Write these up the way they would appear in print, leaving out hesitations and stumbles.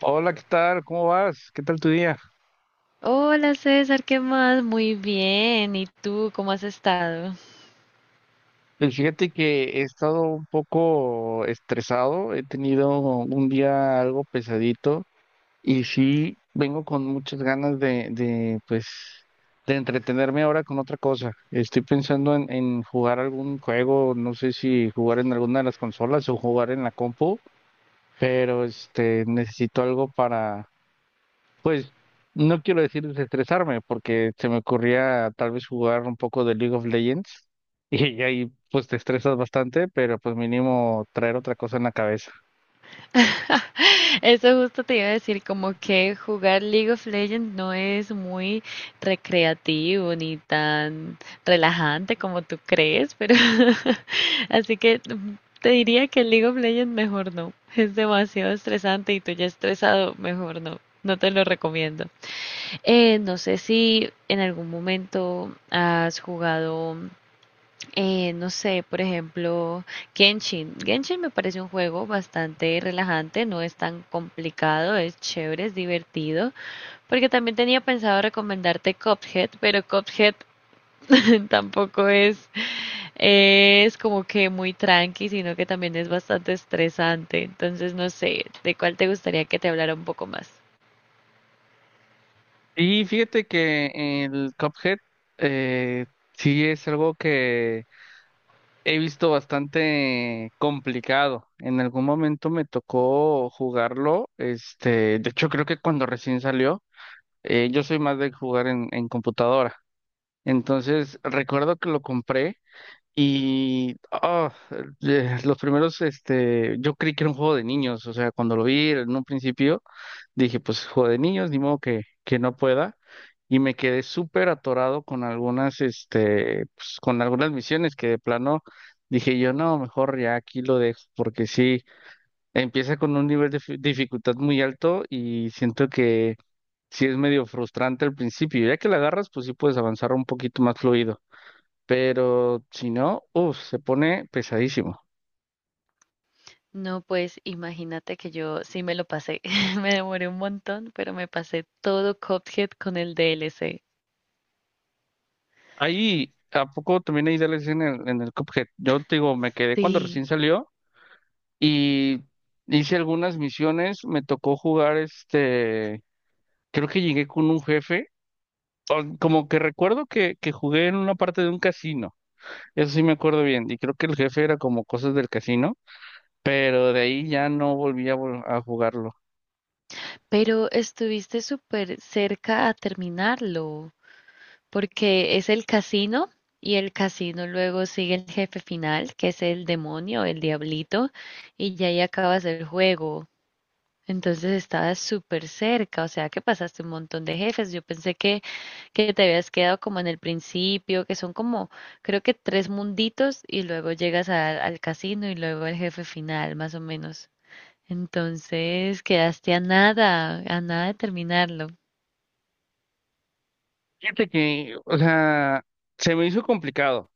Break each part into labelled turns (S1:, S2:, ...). S1: Hola, ¿qué tal? ¿Cómo vas? ¿Qué tal tu día?
S2: Hola César, ¿qué más? Muy bien. ¿Y tú cómo has estado?
S1: Pues fíjate que he estado un poco estresado, he tenido un día algo pesadito y sí vengo con muchas ganas de pues, de entretenerme ahora con otra cosa. Estoy pensando en jugar algún juego, no sé si jugar en alguna de las consolas o jugar en la compu, pero este necesito algo. Pues no quiero decir desestresarme, porque se me ocurría tal vez jugar un poco de League of Legends y ahí pues te estresas bastante, pero pues mínimo traer otra cosa en la cabeza.
S2: Eso justo te iba a decir, como que jugar League of Legends no es muy recreativo ni tan relajante como tú crees, pero así que te diría que League of Legends mejor no. Es demasiado estresante y tú ya estresado, mejor no. No te lo recomiendo. No sé si en algún momento has jugado. No sé, por ejemplo, Genshin. Genshin me parece un juego bastante relajante, no es tan complicado, es chévere, es divertido, porque también tenía pensado recomendarte Cuphead, pero Cuphead tampoco es, como que muy tranqui, sino que también es bastante estresante. Entonces, no sé, ¿de cuál te gustaría que te hablara un poco más?
S1: Y fíjate que el Cuphead eh, sí es algo que he visto bastante complicado. En algún momento me tocó jugarlo, este, de hecho creo que cuando recién salió, yo soy más de jugar en computadora. Entonces recuerdo que lo compré. Y los primeros, este, yo creí que era un juego de niños, o sea, cuando lo vi en un principio, dije, pues juego de niños, ni modo que no pueda. Y me quedé súper atorado con algunas, este, pues, con algunas misiones que de plano dije yo, no, mejor ya aquí lo dejo, porque sí, empieza con un nivel de dificultad muy alto y siento que sí es medio frustrante al principio. Ya que la agarras, pues sí puedes avanzar un poquito más fluido, pero si no, uff, se pone pesadísimo.
S2: No, pues imagínate que yo sí me lo pasé. Me demoré un montón, pero me pasé todo Cuphead con el DLC.
S1: Ahí, ¿a poco también hay DLCs en el Cuphead? Yo te digo, me quedé cuando
S2: Sí,
S1: recién salió y hice algunas misiones, me tocó jugar este, creo que llegué con un jefe, como que recuerdo que jugué en una parte de un casino, eso sí me acuerdo bien, y creo que el jefe era como cosas del casino, pero de ahí ya no volví a, a jugarlo.
S2: pero estuviste súper cerca a terminarlo, porque es el casino y el casino luego sigue el jefe final, que es el demonio, el diablito, y ya ahí acabas el juego. Entonces estabas súper cerca, o sea que pasaste un montón de jefes. Yo pensé que te habías quedado como en el principio, que son como, creo que tres munditos y luego llegas al casino y luego el jefe final, más o menos. Entonces quedaste a nada de terminarlo.
S1: Fíjate que, o sea, se me hizo complicado.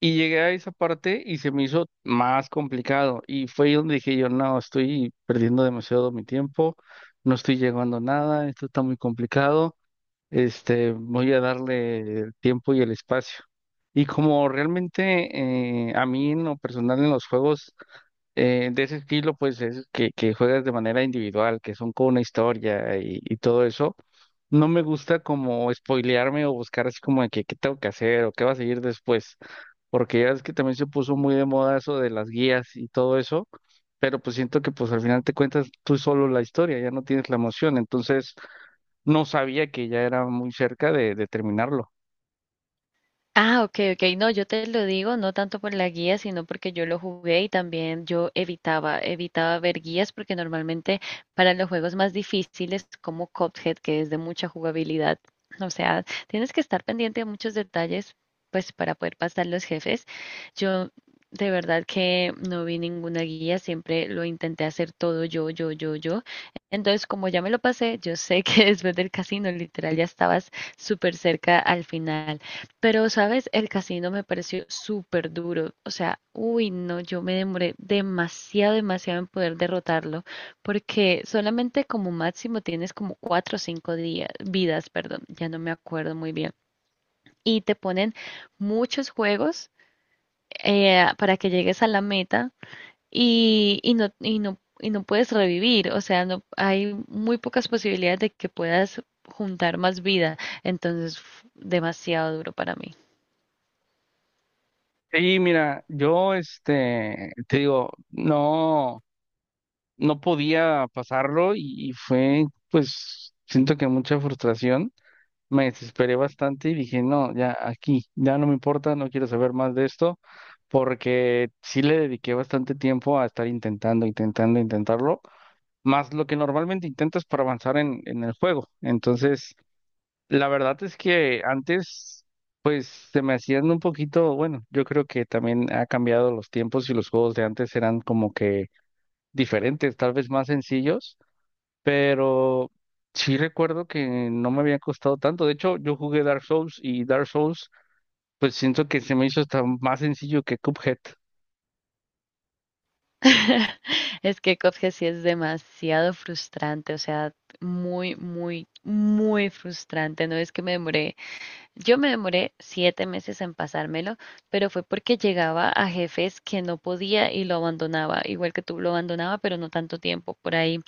S1: Y llegué a esa parte y se me hizo más complicado. Y fue ahí donde dije yo, no, estoy perdiendo demasiado mi tiempo, no estoy llegando a nada, esto está muy complicado, este, voy a darle el tiempo y el espacio. Y como realmente a mí en lo personal en los juegos de ese estilo, pues es que juegas de manera individual, que son con una historia y todo eso. No me gusta como spoilearme o buscar así como de que qué tengo que hacer o qué va a seguir después, porque ya es que también se puso muy de moda eso de las guías y todo eso, pero pues siento que pues al final te cuentas tú solo la historia, ya no tienes la emoción, entonces no sabía que ya era muy cerca de terminarlo.
S2: Ah, ok, ok. No, yo te lo digo, no tanto por la guía, sino porque yo lo jugué y también yo evitaba ver guías porque normalmente para los juegos más difíciles como Cuphead, que es de mucha jugabilidad, o sea, tienes que estar pendiente de muchos detalles, pues para poder pasar los jefes. Yo de verdad que no vi ninguna guía, siempre lo intenté hacer todo yo, yo, yo, yo. Entonces, como ya me lo pasé, yo sé que después del casino, literal, ya estabas súper cerca al final. Pero, ¿sabes? El casino me pareció súper duro. O sea, uy, no, yo me demoré demasiado, demasiado en poder derrotarlo, porque solamente como máximo tienes como cuatro o cinco días, vidas, perdón, ya no me acuerdo muy bien. Y te ponen muchos juegos para que llegues a la meta y no puedes revivir. O sea, no, hay muy pocas posibilidades de que puedas juntar más vida. Entonces, uf, demasiado duro para mí.
S1: Y mira, yo este, te digo, no. No podía pasarlo y fue, pues, siento que mucha frustración. Me desesperé bastante y dije, no, ya aquí, ya no me importa, no quiero saber más de esto, porque sí le dediqué bastante tiempo a estar intentando, intentando, intentarlo, más lo que normalmente intentas para avanzar en el juego. Entonces, la verdad es que antes, pues, se me hacían un poquito, bueno, yo creo que también ha cambiado los tiempos y los juegos de antes eran como que diferentes, tal vez más sencillos, pero sí recuerdo que no me había costado tanto. De hecho, yo jugué Dark Souls y Dark Souls, pues siento que se me hizo hasta más sencillo que Cuphead.
S2: Es que Cuphead sí es demasiado frustrante, o sea, muy, muy, muy frustrante. No es que me demoré, yo me demoré 7 meses en pasármelo, pero fue porque llegaba a jefes que no podía y lo abandonaba, igual que tú lo abandonaba, pero no tanto tiempo, por ahí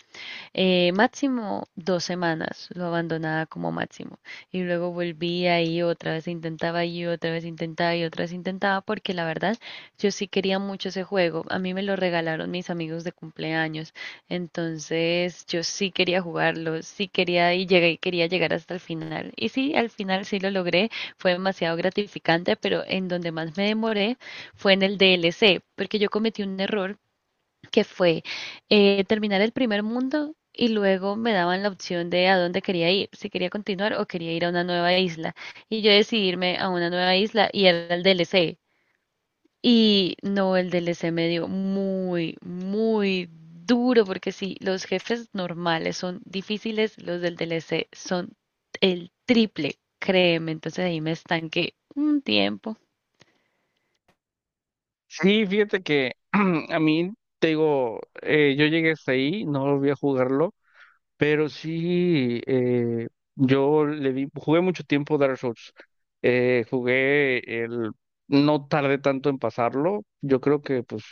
S2: máximo 2 semanas lo abandonaba como máximo y luego volvía y otra vez intentaba y otra vez intentaba y otra vez intentaba porque la verdad yo sí quería mucho ese juego. A mí me lo regalaron mis amigos de cumpleaños, entonces yo sí quería jugarlo, sí quería y llegué, quería llegar hasta el final. Y sí, al final sí lo logré, fue demasiado gratificante, pero en donde más me demoré fue en el DLC, porque yo cometí un error que fue terminar el primer mundo y luego me daban la opción de a dónde quería ir, si quería continuar o quería ir a una nueva isla. Y yo decidí irme a una nueva isla y era el DLC. Y no, el DLC me dio muy, muy duro, porque sí, los jefes normales son difíciles, los del DLC son el triple, créeme. Entonces ahí me estanqué un tiempo.
S1: Sí, fíjate que a mí, te digo, yo llegué hasta ahí, no volví a jugarlo, pero sí, yo le di, jugué mucho tiempo Dark Souls. Jugué el, no tardé tanto en pasarlo, yo creo que pues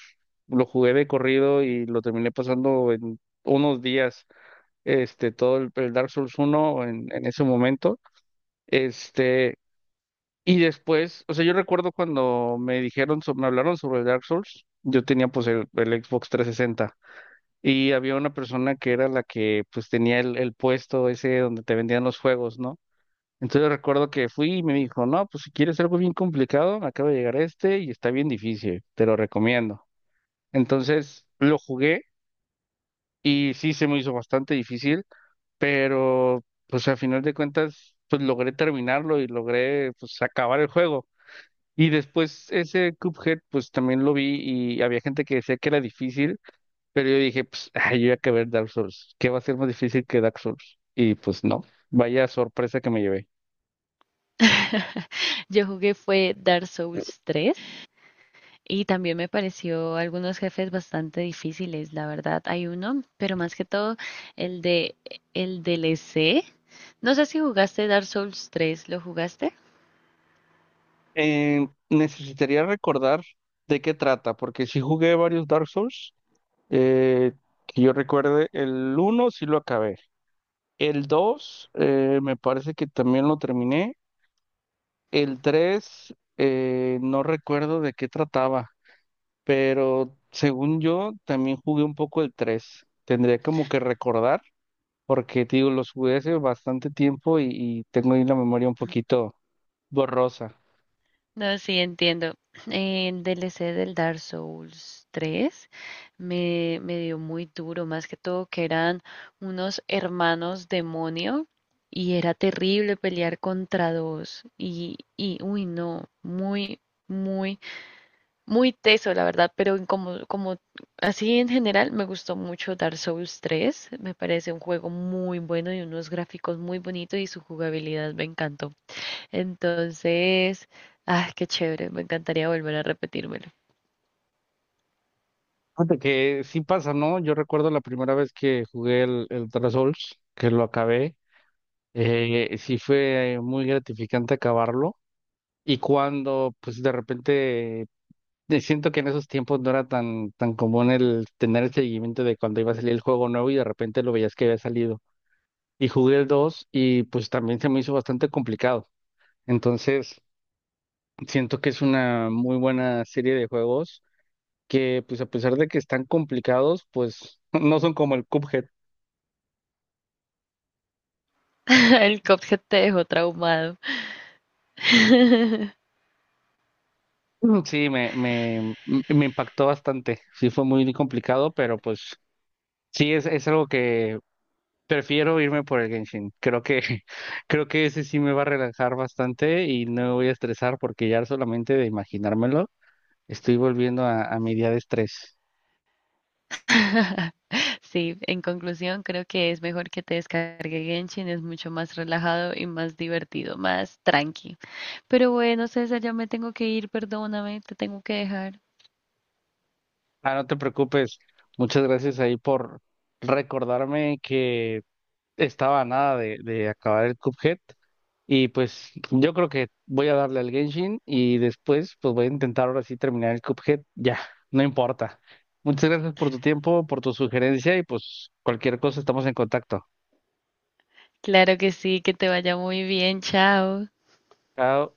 S1: lo jugué de corrido y lo terminé pasando en unos días. Este, todo el Dark Souls uno en ese momento, este, y después, o sea, yo recuerdo cuando me dijeron, me hablaron sobre el Dark Souls, yo tenía pues el Xbox 360 y había una persona que era la que pues tenía el puesto ese donde te vendían los juegos, ¿no? Entonces recuerdo que fui y me dijo, no, pues si quieres algo bien complicado, me acaba de llegar este y está bien difícil, te lo recomiendo. Entonces lo jugué y sí se me hizo bastante difícil. Pero pues a final de cuentas pues logré terminarlo y logré pues acabar el juego. Y después ese Cuphead pues también lo vi y había gente que decía que era difícil, pero yo dije pues ay, yo ya acabé el Dark Souls, ¿qué va a ser más difícil que Dark Souls? Y pues no, vaya sorpresa que me llevé.
S2: Yo jugué fue Dark Souls 3. Y también me pareció algunos jefes bastante difíciles, la verdad. Hay uno, pero más que todo el de el DLC. No sé si jugaste Dark Souls 3, ¿lo jugaste?
S1: Necesitaría recordar de qué trata, porque si jugué varios Dark Souls, eh, que yo recuerde, el uno sí lo acabé, el 2 me parece que también lo terminé. El 3, no recuerdo de qué trataba, pero según yo también jugué un poco el 3. Tendría como que recordar, porque te digo, los jugué hace bastante tiempo y tengo ahí la memoria un poquito borrosa.
S2: No, sí, entiendo. El DLC del Dark Souls 3 me dio muy duro, más que todo que eran unos hermanos demonio y era terrible pelear contra dos. Y uy, no, muy, muy muy teso, la verdad, pero en como, así en general me gustó mucho Dark Souls 3. Me parece un juego muy bueno y unos gráficos muy bonitos y su jugabilidad me encantó. Entonces, ah qué chévere, me encantaría volver a repetírmelo.
S1: Fíjate que sí pasa, ¿no? Yo recuerdo la primera vez que jugué el Dark Souls, que lo acabé. Sí fue muy gratificante acabarlo. Y cuando pues de repente siento que en esos tiempos no era tan, tan común el tener el seguimiento de cuando iba a salir el juego nuevo y de repente lo veías que había salido. Y jugué el 2 y pues también se me hizo bastante complicado. Entonces, siento que es una muy buena serie de juegos que pues a pesar de que están complicados, pues no son como el Cuphead.
S2: El Cuphead te dejó traumado.
S1: Mm, sí, me impactó bastante. Sí, fue muy complicado, pero pues sí, es algo que prefiero irme por el Genshin. Creo que, creo que ese sí me va a relajar bastante y no me voy a estresar porque ya solamente de imaginármelo estoy volviendo a mi día de estrés.
S2: Sí, en conclusión, creo que es mejor que te descargue Genshin, es mucho más relajado y más divertido, más tranqui. Pero bueno, César, ya me tengo que ir, perdóname, te tengo que dejar.
S1: Ah, no te preocupes. Muchas gracias ahí por recordarme que estaba a nada de acabar el Cuphead. Y pues yo creo que voy a darle al Genshin y después pues voy a intentar ahora sí terminar el Cuphead. Ya, no importa. Muchas gracias por tu tiempo, por tu sugerencia y pues cualquier cosa estamos en contacto.
S2: Claro que sí, que te vaya muy bien, chao.
S1: Chao.